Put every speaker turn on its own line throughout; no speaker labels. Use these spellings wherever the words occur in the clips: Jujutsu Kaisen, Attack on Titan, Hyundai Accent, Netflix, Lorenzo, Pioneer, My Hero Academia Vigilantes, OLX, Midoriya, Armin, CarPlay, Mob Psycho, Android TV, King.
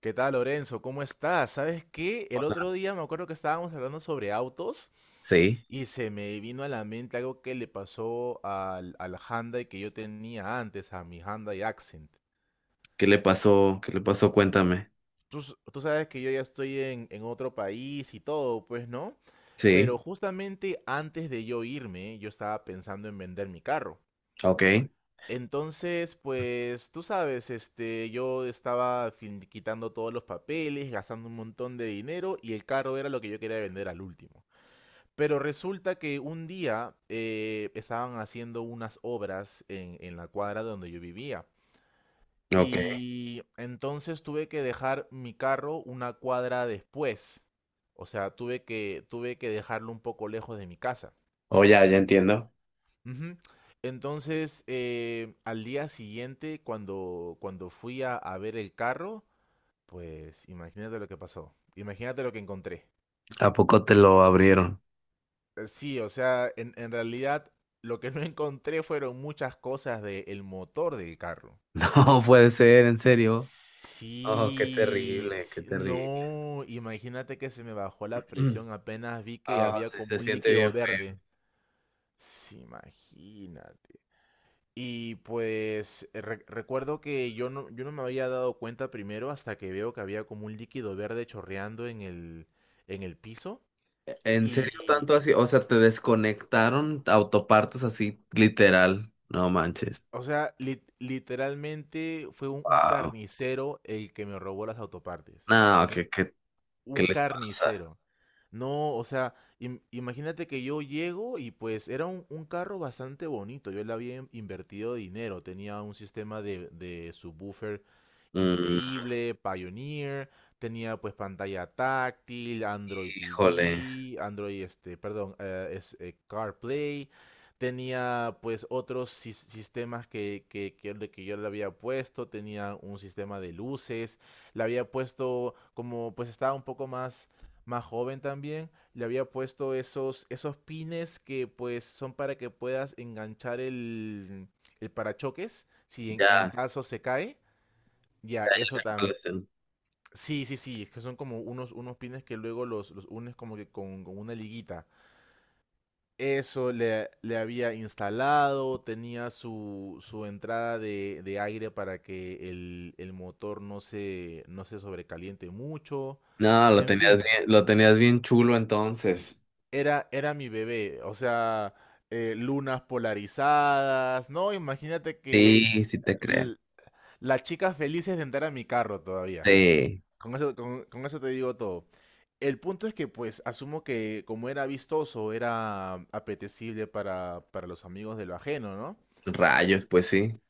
¿Qué tal, Lorenzo? ¿Cómo estás? ¿Sabes qué? El otro día me acuerdo que estábamos hablando sobre autos
Sí.
y se me vino a la mente algo que le pasó al Hyundai que yo tenía antes, a mi Hyundai Accent.
¿Qué le pasó? ¿Qué le pasó? Cuéntame.
Tú sabes que yo ya estoy en otro país y todo, pues, ¿no?
Sí.
Pero justamente antes de yo irme, yo estaba pensando en vender mi carro.
Ok,
Entonces, pues tú sabes, este, yo estaba quitando todos los papeles, gastando un montón de dinero y el carro era lo que yo quería vender al último. Pero resulta que un día estaban haciendo unas obras en la cuadra donde yo vivía.
ok.
Y entonces tuve que dejar mi carro una cuadra después. O sea, tuve que dejarlo un poco lejos de mi casa.
Oh, ya, ya entiendo.
Ujú. Entonces, al día siguiente, cuando fui a ver el carro, pues imagínate lo que pasó. Imagínate lo que encontré.
¿A poco te lo abrieron?
Sí, o sea, en realidad lo que no encontré fueron muchas cosas del motor del carro.
No puede ser, en serio. Oh, qué
Sí,
terrible, qué
sí,
terrible.
no, imagínate que se me bajó la
Mm.
presión apenas vi que
Ah,
había
sí,
como
se
un
siente
líquido
bien
verde.
feo.
Sí, imagínate. Y pues recuerdo que yo no me había dado cuenta primero hasta que veo que había como un líquido verde chorreando en el piso.
¿En serio
Y,
tanto así? O sea, te desconectaron autopartes así, literal. No manches.
o sea, literalmente fue un
Wow.
carnicero el que me robó las autopartes.
No, ¿qué
Un
les pasa?
carnicero. No, o sea, imagínate que yo llego y pues era un carro bastante bonito. Yo le había invertido dinero. Tenía un sistema de subwoofer
Mm,
increíble, Pioneer. Tenía pues pantalla táctil, Android
híjole.
TV, Android, perdón, es, CarPlay. Tenía pues otros sistemas que yo le había puesto. Tenía un sistema de luces le había puesto, como pues estaba un poco más joven también, le había puesto esos, esos pines que pues son para que puedas enganchar el parachoques si en
Ya,
caso se cae. Ya,
ya,
eso
ya.
tam...
Ya, ya.
Sí, sí, sí, es que son como unos pines que luego los unes como que con una liguita. Eso le había instalado, tenía su entrada de aire para que el motor no se sobrecaliente mucho.
No, lo
En
tenías
fin,
bien, lo tenías bien chulo entonces.
era mi bebé. O sea, lunas polarizadas, ¿no? Imagínate que
Sí, sí te creo.
l- las chicas felices de entrar a mi carro todavía.
Sí,
Con eso, con eso te digo todo. El punto es que, pues, asumo que como era vistoso, era apetecible para los amigos de lo ajeno, ¿no?
rayos, pues sí.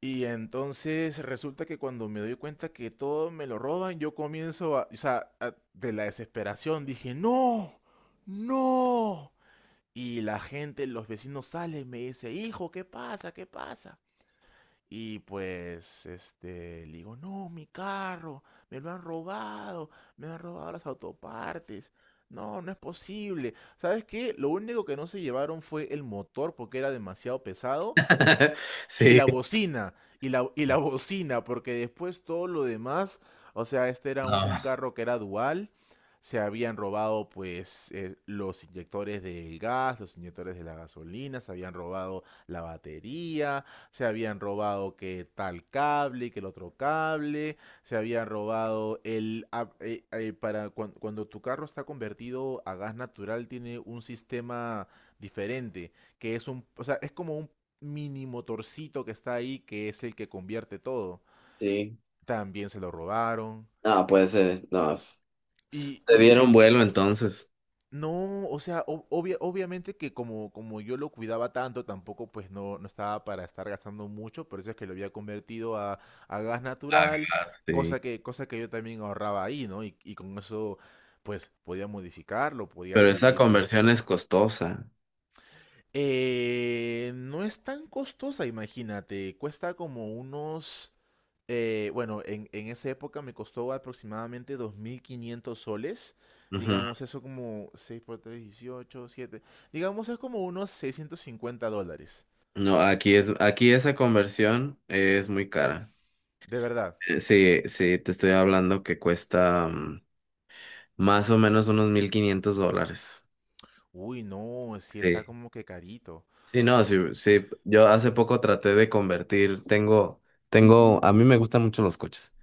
Y entonces resulta que cuando me doy cuenta que todo me lo roban, yo comienzo a, o sea, de la desesperación dije, no, no. Y la gente, los vecinos salen, me dice, hijo, ¿qué pasa? ¿Qué pasa? Y pues, este, le digo, no, mi carro, me lo han robado, me han robado las autopartes. No, no es posible. ¿Sabes qué? Lo único que no se llevaron fue el motor porque era demasiado pesado y
Sí,
la bocina, y la bocina, porque después todo lo demás, o sea, este era un
no.
carro que era dual, se habían robado pues los inyectores del gas, los inyectores de la gasolina, se habían robado la batería, se habían robado que tal cable, que el otro cable, se habían robado el... ah, para cuando tu carro está convertido a gas natural tiene un sistema diferente que es un, o sea, es como un mini motorcito que está ahí, que es el que convierte todo,
Sí.
también se lo robaron.
No, puede ser. No.
Y,
Te
y,
dieron
y
vuelo entonces.
no, o sea, obviamente que como yo lo cuidaba tanto, tampoco pues no estaba para estar gastando mucho, por eso es que lo había convertido a gas
Ah,
natural,
claro, sí.
cosa que yo también ahorraba ahí, ¿no? Y con eso pues podía modificarlo, podía
Pero esa
seguir.
conversión es costosa.
No es tan costosa, imagínate. Cuesta como unos... bueno, en esa época me costó aproximadamente 2500 soles.
Ujú.
Digamos, eso como 6 por 3 18 7, digamos, es como unos $650.
No, aquí esa conversión es muy cara.
De verdad.
Sí, sí, te estoy hablando que cuesta más o menos unos $1,500.
Uy, no, sí está
Sí.
como que carito.
Sí, no, sí, sí. Yo hace poco traté de convertir, a mí me gustan mucho los coches.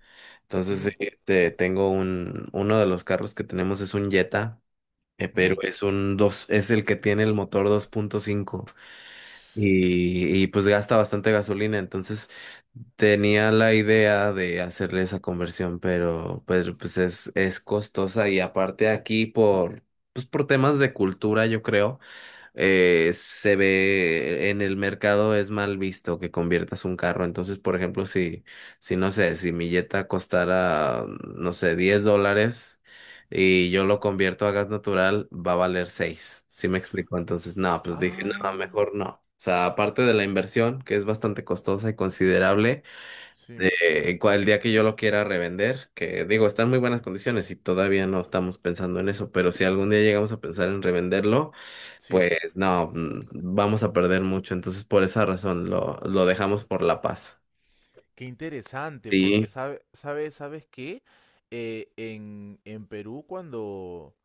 Entonces,
Ujú,
sí, tengo uno de los carros que tenemos es un Jetta, pero
ujú.
es el que tiene el motor 2.5 y pues gasta bastante gasolina. Entonces, tenía la idea de hacerle esa conversión, pero pues es costosa y aparte aquí pues por temas de cultura, yo creo se ve en el mercado es mal visto que conviertas un carro. Entonces, por ejemplo, si no sé, si mi Jetta costara, no sé, $10 y yo lo convierto a gas natural, va a valer seis. ¿Sí me explico? Entonces, no, pues dije, no,
Ah,
mejor no. O sea, aparte de la inversión, que es bastante costosa y considerable,
sí,
el día que yo lo quiera revender, que digo, está en muy buenas condiciones y todavía no estamos pensando en eso, pero si algún día llegamos a pensar en revenderlo,
sí.
pues no, vamos a perder mucho, entonces por esa razón lo dejamos por la paz.
Qué interesante, porque
Sí,
sabe, sabe, ¿sabes qué? En Perú, cuando,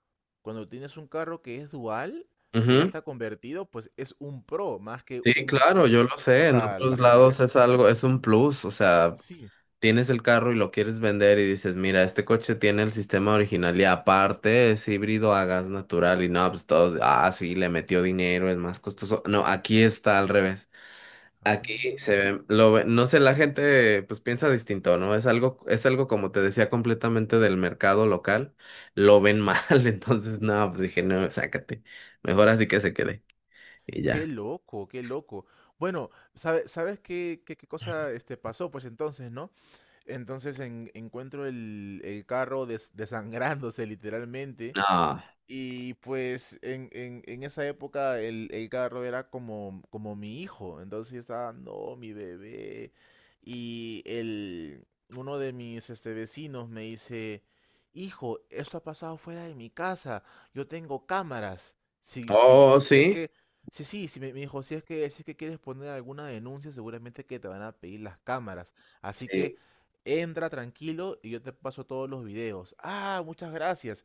cuando tienes un carro que es dual, que ya
ujú.
está convertido, pues es un pro, más que
Sí,
un,
claro, yo
un-
lo
o
sé, en
sea, la,
otros
ge- la
lados
gente
es
dice, "Mm,
algo, es un plus, o sea,
sí."
tienes el carro y lo quieres vender y dices, mira, este coche tiene el sistema original y aparte es híbrido a gas natural y no, pues todos, ah, sí, le metió dinero, es más costoso. No, aquí está al revés. Aquí
Ah,
se ve, lo ve- no sé, la gente pues piensa distinto, ¿no? Es algo, como te decía, completamente del mercado local, lo ven mal. Entonces no, pues dije, no, sácate, mejor así que se quede, y
qué
ya.
loco, qué loco. Bueno, ¿sabes qué, qué cosa este, pasó? Pues entonces, ¿no? Entonces encuentro el carro desangrándose literalmente.
No.
Y pues en esa época el carro era como mi hijo, entonces yo estaba, no, mi bebé. Y el, uno de mis vecinos me dice, hijo, esto ha pasado fuera de mi casa, yo tengo cámaras.
Oh,
Si es
sí,
que, sí, sí, sí, me dijo, si es que quieres poner alguna denuncia, seguramente que te van a pedir las cámaras. Así que
sí.
entra tranquilo y yo te paso todos los videos. Ah, muchas gracias.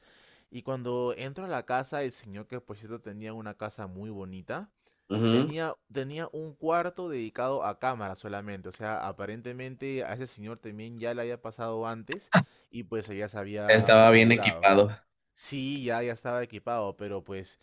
Y cuando entro a la casa, el señor que por cierto tenía una casa muy bonita,
Ujú.
tenía un cuarto dedicado a cámaras solamente. O sea, aparentemente a ese señor también ya le había pasado antes y pues ella se había
Estaba bien
asegurado.
equipado.
Sí, ya, ya estaba equipado, pero pues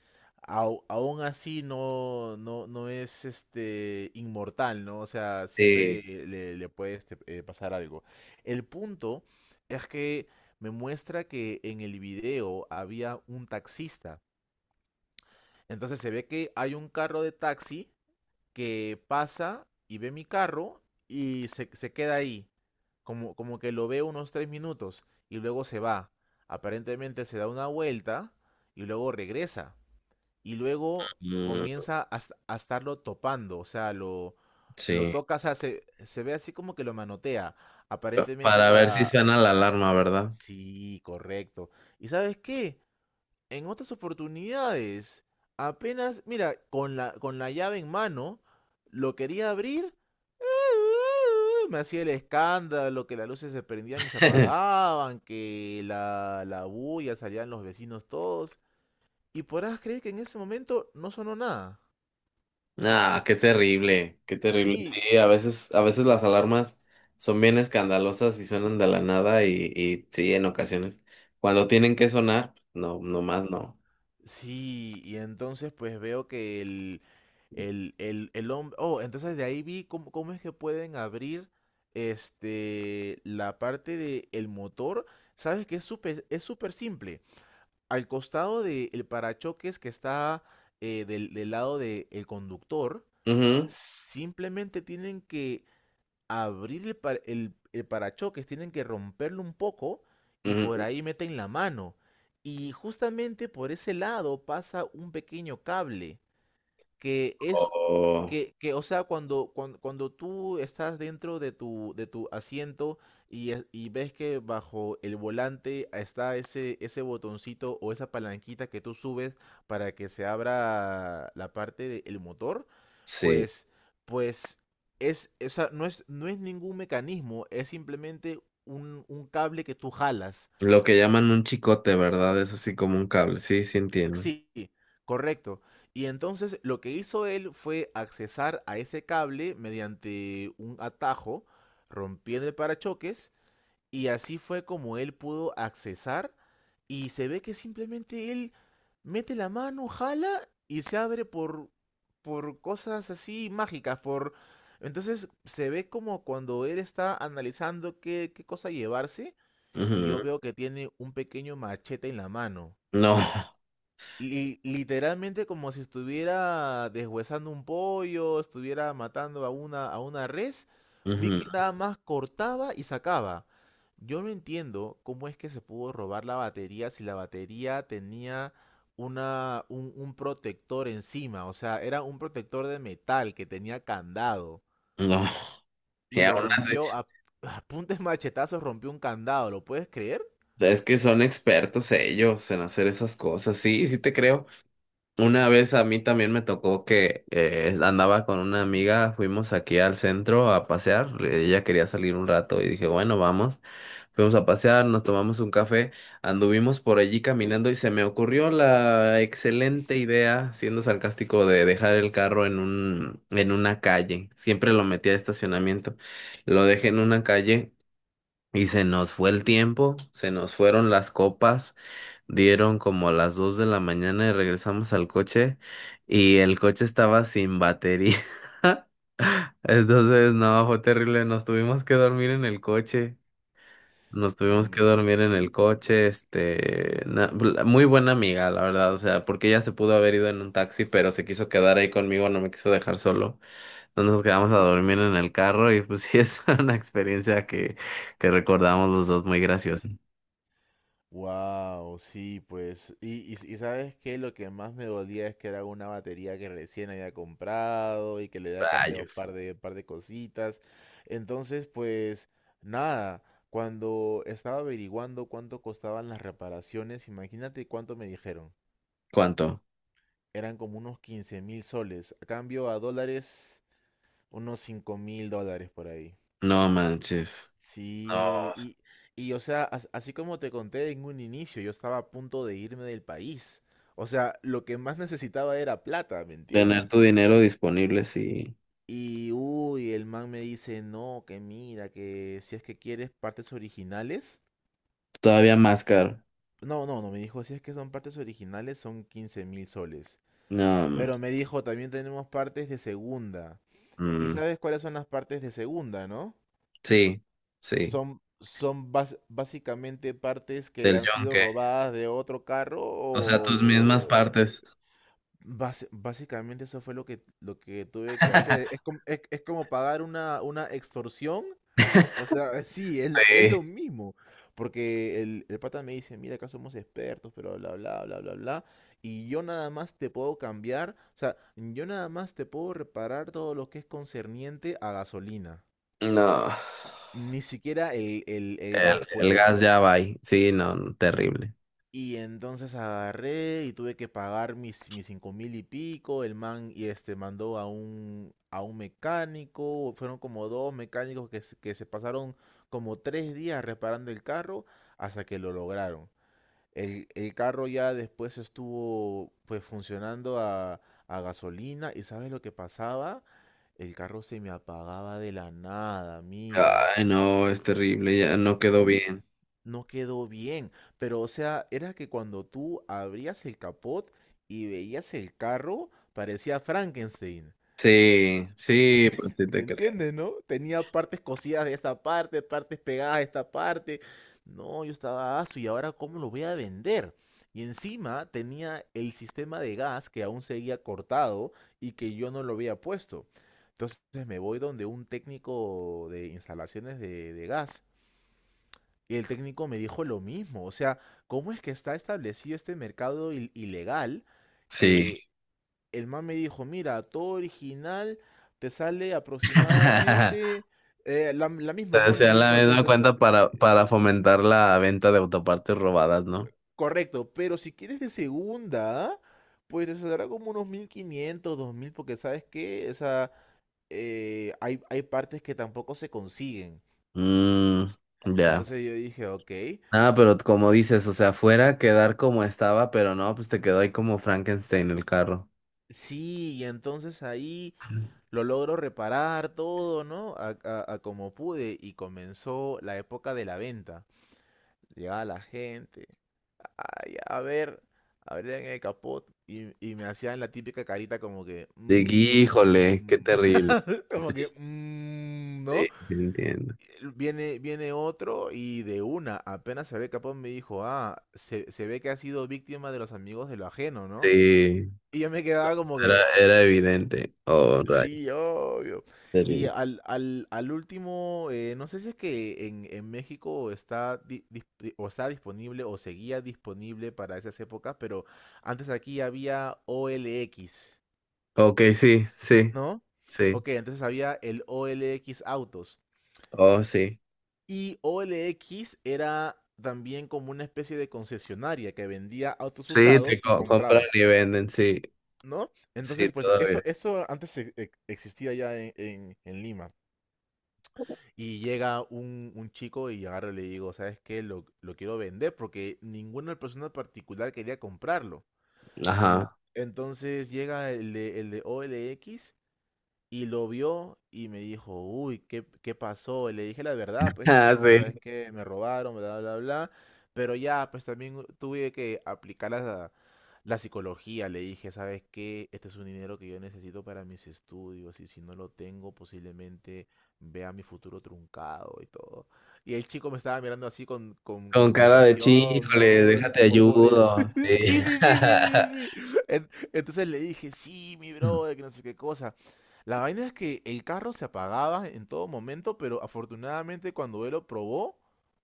aún así no, no, no es este inmortal, ¿no? O sea, siempre
Sí.
le puede pasar algo. El punto es que me muestra que en el video había un taxista. Entonces se ve que hay un carro de taxi que pasa y ve mi carro y se queda ahí, como que lo ve unos 3 minutos y luego se va. Aparentemente se da una vuelta y luego regresa y luego
Mm,
comienza a estarlo topando, o sea, lo
sí.
toca, o sea, se ve así como que lo manotea, aparentemente
Para ver si
para...
suena la alarma, ¿verdad?
Sí, correcto. ¿Y sabes qué? En otras oportunidades, apenas, mira, con la llave en mano, lo quería abrir, me hacía el escándalo, que las luces se prendían y se apagaban, que la bulla salían los vecinos todos. Y podrás creer que en ese momento no sonó nada.
Ah, qué terrible, qué terrible.
Sí,
Sí, a veces las alarmas son bien escandalosas y suenan de la nada y sí, en ocasiones. Cuando tienen que sonar, no, nomás no.
sí, y entonces pues veo que el hombre... Oh, entonces de ahí vi cómo es que pueden abrir la parte del motor. Sabes que es súper simple. Al costado del parachoques que está del lado del conductor,
Ujú,
simplemente tienen que abrir el parachoques, tienen que romperlo un poco y por
ujú.
ahí meten la mano. Y justamente por ese lado pasa un pequeño cable que es
Oh,
que, o sea, cuando tú estás dentro de tu asiento y, y ves que bajo el volante está ese botoncito o esa palanquita que tú subes para que se abra la parte del motor,
sí.
pues, pues es, o sea, no es ningún mecanismo, es simplemente un cable que tú jalas.
Lo que llaman un chicote, ¿verdad? Es así como un cable. Sí, sí entiendo.
Sí, correcto. Y entonces lo que hizo él fue accesar a ese cable mediante un atajo, rompiendo el parachoques, y así fue como él pudo accesar. Y se ve que simplemente él mete la mano, jala y se abre por cosas así mágicas, por... Entonces se ve como cuando él está analizando qué cosa llevarse y yo
Ujú.
veo que tiene un pequeño machete en la mano
No.
literalmente como si estuviera deshuesando un pollo, estuviera matando a una res, vi
Ujú,
que nada más cortaba y sacaba. Yo no entiendo cómo es que se pudo robar la batería si la batería tenía un protector encima, o sea, era un protector de metal que tenía candado
no. Y
y lo
aún así,
rompió a, a puntes machetazos, rompió un candado, ¿lo puedes creer?
es que son expertos ellos en hacer esas cosas. Sí, sí te creo. Una vez a mí también me tocó que andaba con una amiga, fuimos aquí al centro a pasear, ella quería salir un rato y dije, bueno, vamos, fuimos a pasear, nos tomamos un café, anduvimos por allí caminando y se me ocurrió la excelente idea, siendo sarcástico, de dejar el carro en en una calle, siempre lo metía a estacionamiento, lo dejé en una calle y se nos fue el tiempo, se nos fueron las copas. Dieron como a las 2 de la mañana y regresamos al coche y el coche estaba sin batería. Entonces, no, fue terrible. Nos tuvimos que dormir en el coche. Nos
No
tuvimos que
me...
dormir en el coche. Muy buena amiga, la verdad. O sea, porque ella se pudo haber ido en un taxi, pero se quiso quedar ahí conmigo, no me quiso dejar solo. Entonces nos quedamos a dormir en el carro y pues sí, es una experiencia que recordamos los dos muy graciosa.
Wow, sí, pues. Y sabes qué, lo que más me dolía es que era una batería que recién había comprado y que le había cambiado un
Rayos.
par de cositas. Entonces, pues, nada, cuando estaba averiguando cuánto costaban las reparaciones, imagínate cuánto me dijeron.
¿Cuánto?
Eran como unos 15,000 soles. A cambio a dólares, unos $5000 por ahí.
No manches. No.
Sí, y o sea, así como te conté en un inicio, yo estaba a punto de irme del país. O sea, lo que más necesitaba era plata, ¿me
Tener
entiendes?
tu dinero disponible, sí.
Y uy, el man me dice, no, que mira, que si es que quieres partes originales.
Todavía más caro.
No, no, no, me dijo, si es que son partes originales son 15,000 soles.
No,
Pero me dijo, también tenemos partes de segunda.
mm,
¿Y
mm,
sabes cuáles son las partes de segunda, no?
sí, sí.
Básicamente partes que
Del
han sido
yonque.
robadas de otro carro
O sea, tus mismas partes.
básicamente eso fue lo lo que tuve que hacer. Es es como pagar una extorsión. O sea, sí, es
Sí.
lo mismo. Porque el pata me dice, mira, acá somos expertos, pero bla, bla, bla, bla, bla. Y yo nada más te puedo cambiar. O sea, yo nada más te puedo reparar todo lo que es concerniente a gasolina.
No.
Ni siquiera el gas
El
puedo.
gas ya va ahí. Sí, no, terrible.
Y entonces agarré y tuve que pagar mis 5 mil y pico. El man y este mandó a un mecánico. Fueron como dos mecánicos que se pasaron como 3 días reparando el carro hasta que lo lograron. El carro ya después estuvo pues funcionando a gasolina. ¿Y sabes lo que pasaba? El carro se me apagaba de la nada, amigo,
Ay, no, es terrible, ya no quedó bien.
no quedó bien. Pero, o sea, era que cuando tú abrías el capot y veías el carro, parecía Frankenstein.
Sí, sí, pues sí
¿Te
te creo.
entiendes, no? Tenía partes cosidas de esta parte, partes pegadas de esta parte. No, yo estaba aso y ahora cómo lo voy a vender. Y encima tenía el sistema de gas que aún seguía cortado y que yo no lo había puesto. Entonces me voy donde un técnico de instalaciones de gas y el técnico me dijo lo mismo, o sea, ¿cómo es que está establecido este mercado ilegal?
Sí.
Que el man me dijo, mira, todo original te sale aproximadamente la misma,
O
¿no? Me
sea, la
dijo,
misma cuenta para fomentar la venta de autopartes robadas, ¿no?
correcto, pero si quieres de segunda, pues te saldrá como unos 1.500 2 mil porque sabes que, o sea, hay partes que tampoco se consiguen.
Mm, ya.
Entonces yo dije, ok,
Ah, pero como dices, o sea, fuera quedar como estaba, pero no, pues te quedó ahí como Frankenstein el carro.
sí, y entonces ahí... Lo logro reparar todo, ¿no? A como pude y comenzó la época de la venta. Llegaba la gente, ay, a ver, abrían el capot y me hacían la típica carita como que,
De híjole, qué
"Mm",
terrible.
como
Sí,
que, "Mm",
sí,
¿no?
sí entiendo.
Viene otro y de una, apenas se ve capón, me dijo, ah, se ve que ha sido víctima de los amigos de lo ajeno, ¿no?
Sí,
Y yo me quedaba como que,
era evidente. Oh, rayo.
sí, obvio. Y
Terrible.
al último, no sé si es que en México está, o está disponible o seguía disponible para esas épocas, pero antes aquí había OLX,
Ok, sí, sí,
¿no?
sí.
Ok, entonces había el OLX Autos.
Oh, sí.
Y OLX era también como una especie de concesionaria que vendía autos
Sí,
usados y
compran
compraba,
y venden, sí,
¿no?
sí,
Entonces, pues
todavía.
eso antes existía ya en, en Lima. Y llega un chico y agarro y le digo, ¿sabes qué? Lo quiero vender porque ninguna persona en particular quería comprarlo.
Ajá.
En- entonces llega el de o l x y lo vio y me dijo, uy, ¿qué pasó? Y le dije la verdad, pues no,
Ah,
no, sabes
sí.
qué, me robaron, bla, bla, bla. Pero ya, pues también tuve que aplicar la psicología. Le dije, ¿sabes qué? Este es un dinero que yo necesito para mis estudios y si no lo tengo, posiblemente vea mi futuro truncado y todo. Y el chico me estaba mirando así con
Con cara de "Sí,
compasión,
híjole,
¿no? Así
déjate
como pobres.
ayudo". Sí.
Sí, sí, sí, sí, sí, sí, sí. Entonces le dije, sí, mi brother, que no sé qué cosa. La vaina es que el carro se apagaba en todo momento, pero afortunadamente cuando él lo probó,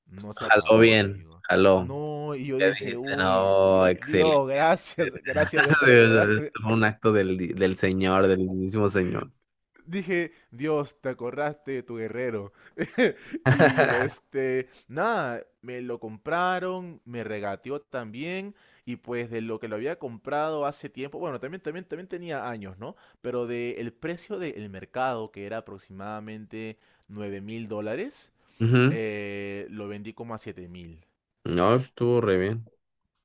no se
Jaló
apagó,
bien,
amigo.
jaló.
No, y yo
Ya
dije,
dijiste,
uy,
no,
Dios,
excelente.
Dios, gracias, gracias a Dios por ayudarme.
Esto fue un acto del señor, del mismo señor.
Dije, Dios, te acordaste de tu guerrero. Y este, nada, me lo compraron, me regateó también, y pues de lo que lo había comprado hace tiempo, bueno, también tenía años, ¿no? Pero del precio del mercado, que era aproximadamente 9 mil dólares,
Ujú.
lo vendí como a 7 mil.
No, estuvo re bien.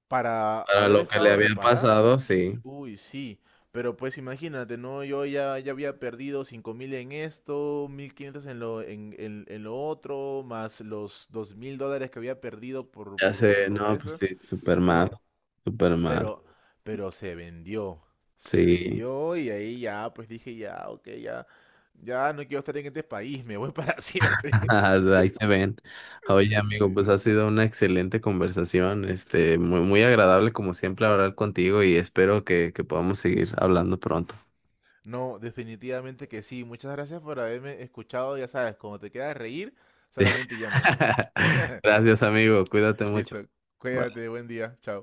Para
Para
haber
lo que le
estado
había
reparada,
pasado,
pues,
sí.
uy, sí, pero pues imagínate, ¿no? Yo ya había perdido 5 mil en esto, 1.500 en en lo otro, más los 2 mil dólares que había perdido
Ya
por
sé,
lo
no, pues
eso,
sí, súper mal,
¿no?
súper mal.
Pero, pero se
Sí,
vendió y ahí ya, pues dije, ya, ok, ya, ya no quiero estar en este país, me voy para siempre.
ahí se ven. Oye, amigo,
Sí.
pues ha sido una excelente conversación, muy, muy agradable como siempre hablar contigo y espero que podamos seguir hablando pronto.
No, definitivamente que sí. Muchas gracias por haberme escuchado. Ya sabes, cuando te queda reír,
Sí.
solamente llámame.
Gracias, amigo, cuídate mucho.
Listo.
Bye.
Cuídate, buen día. Chao.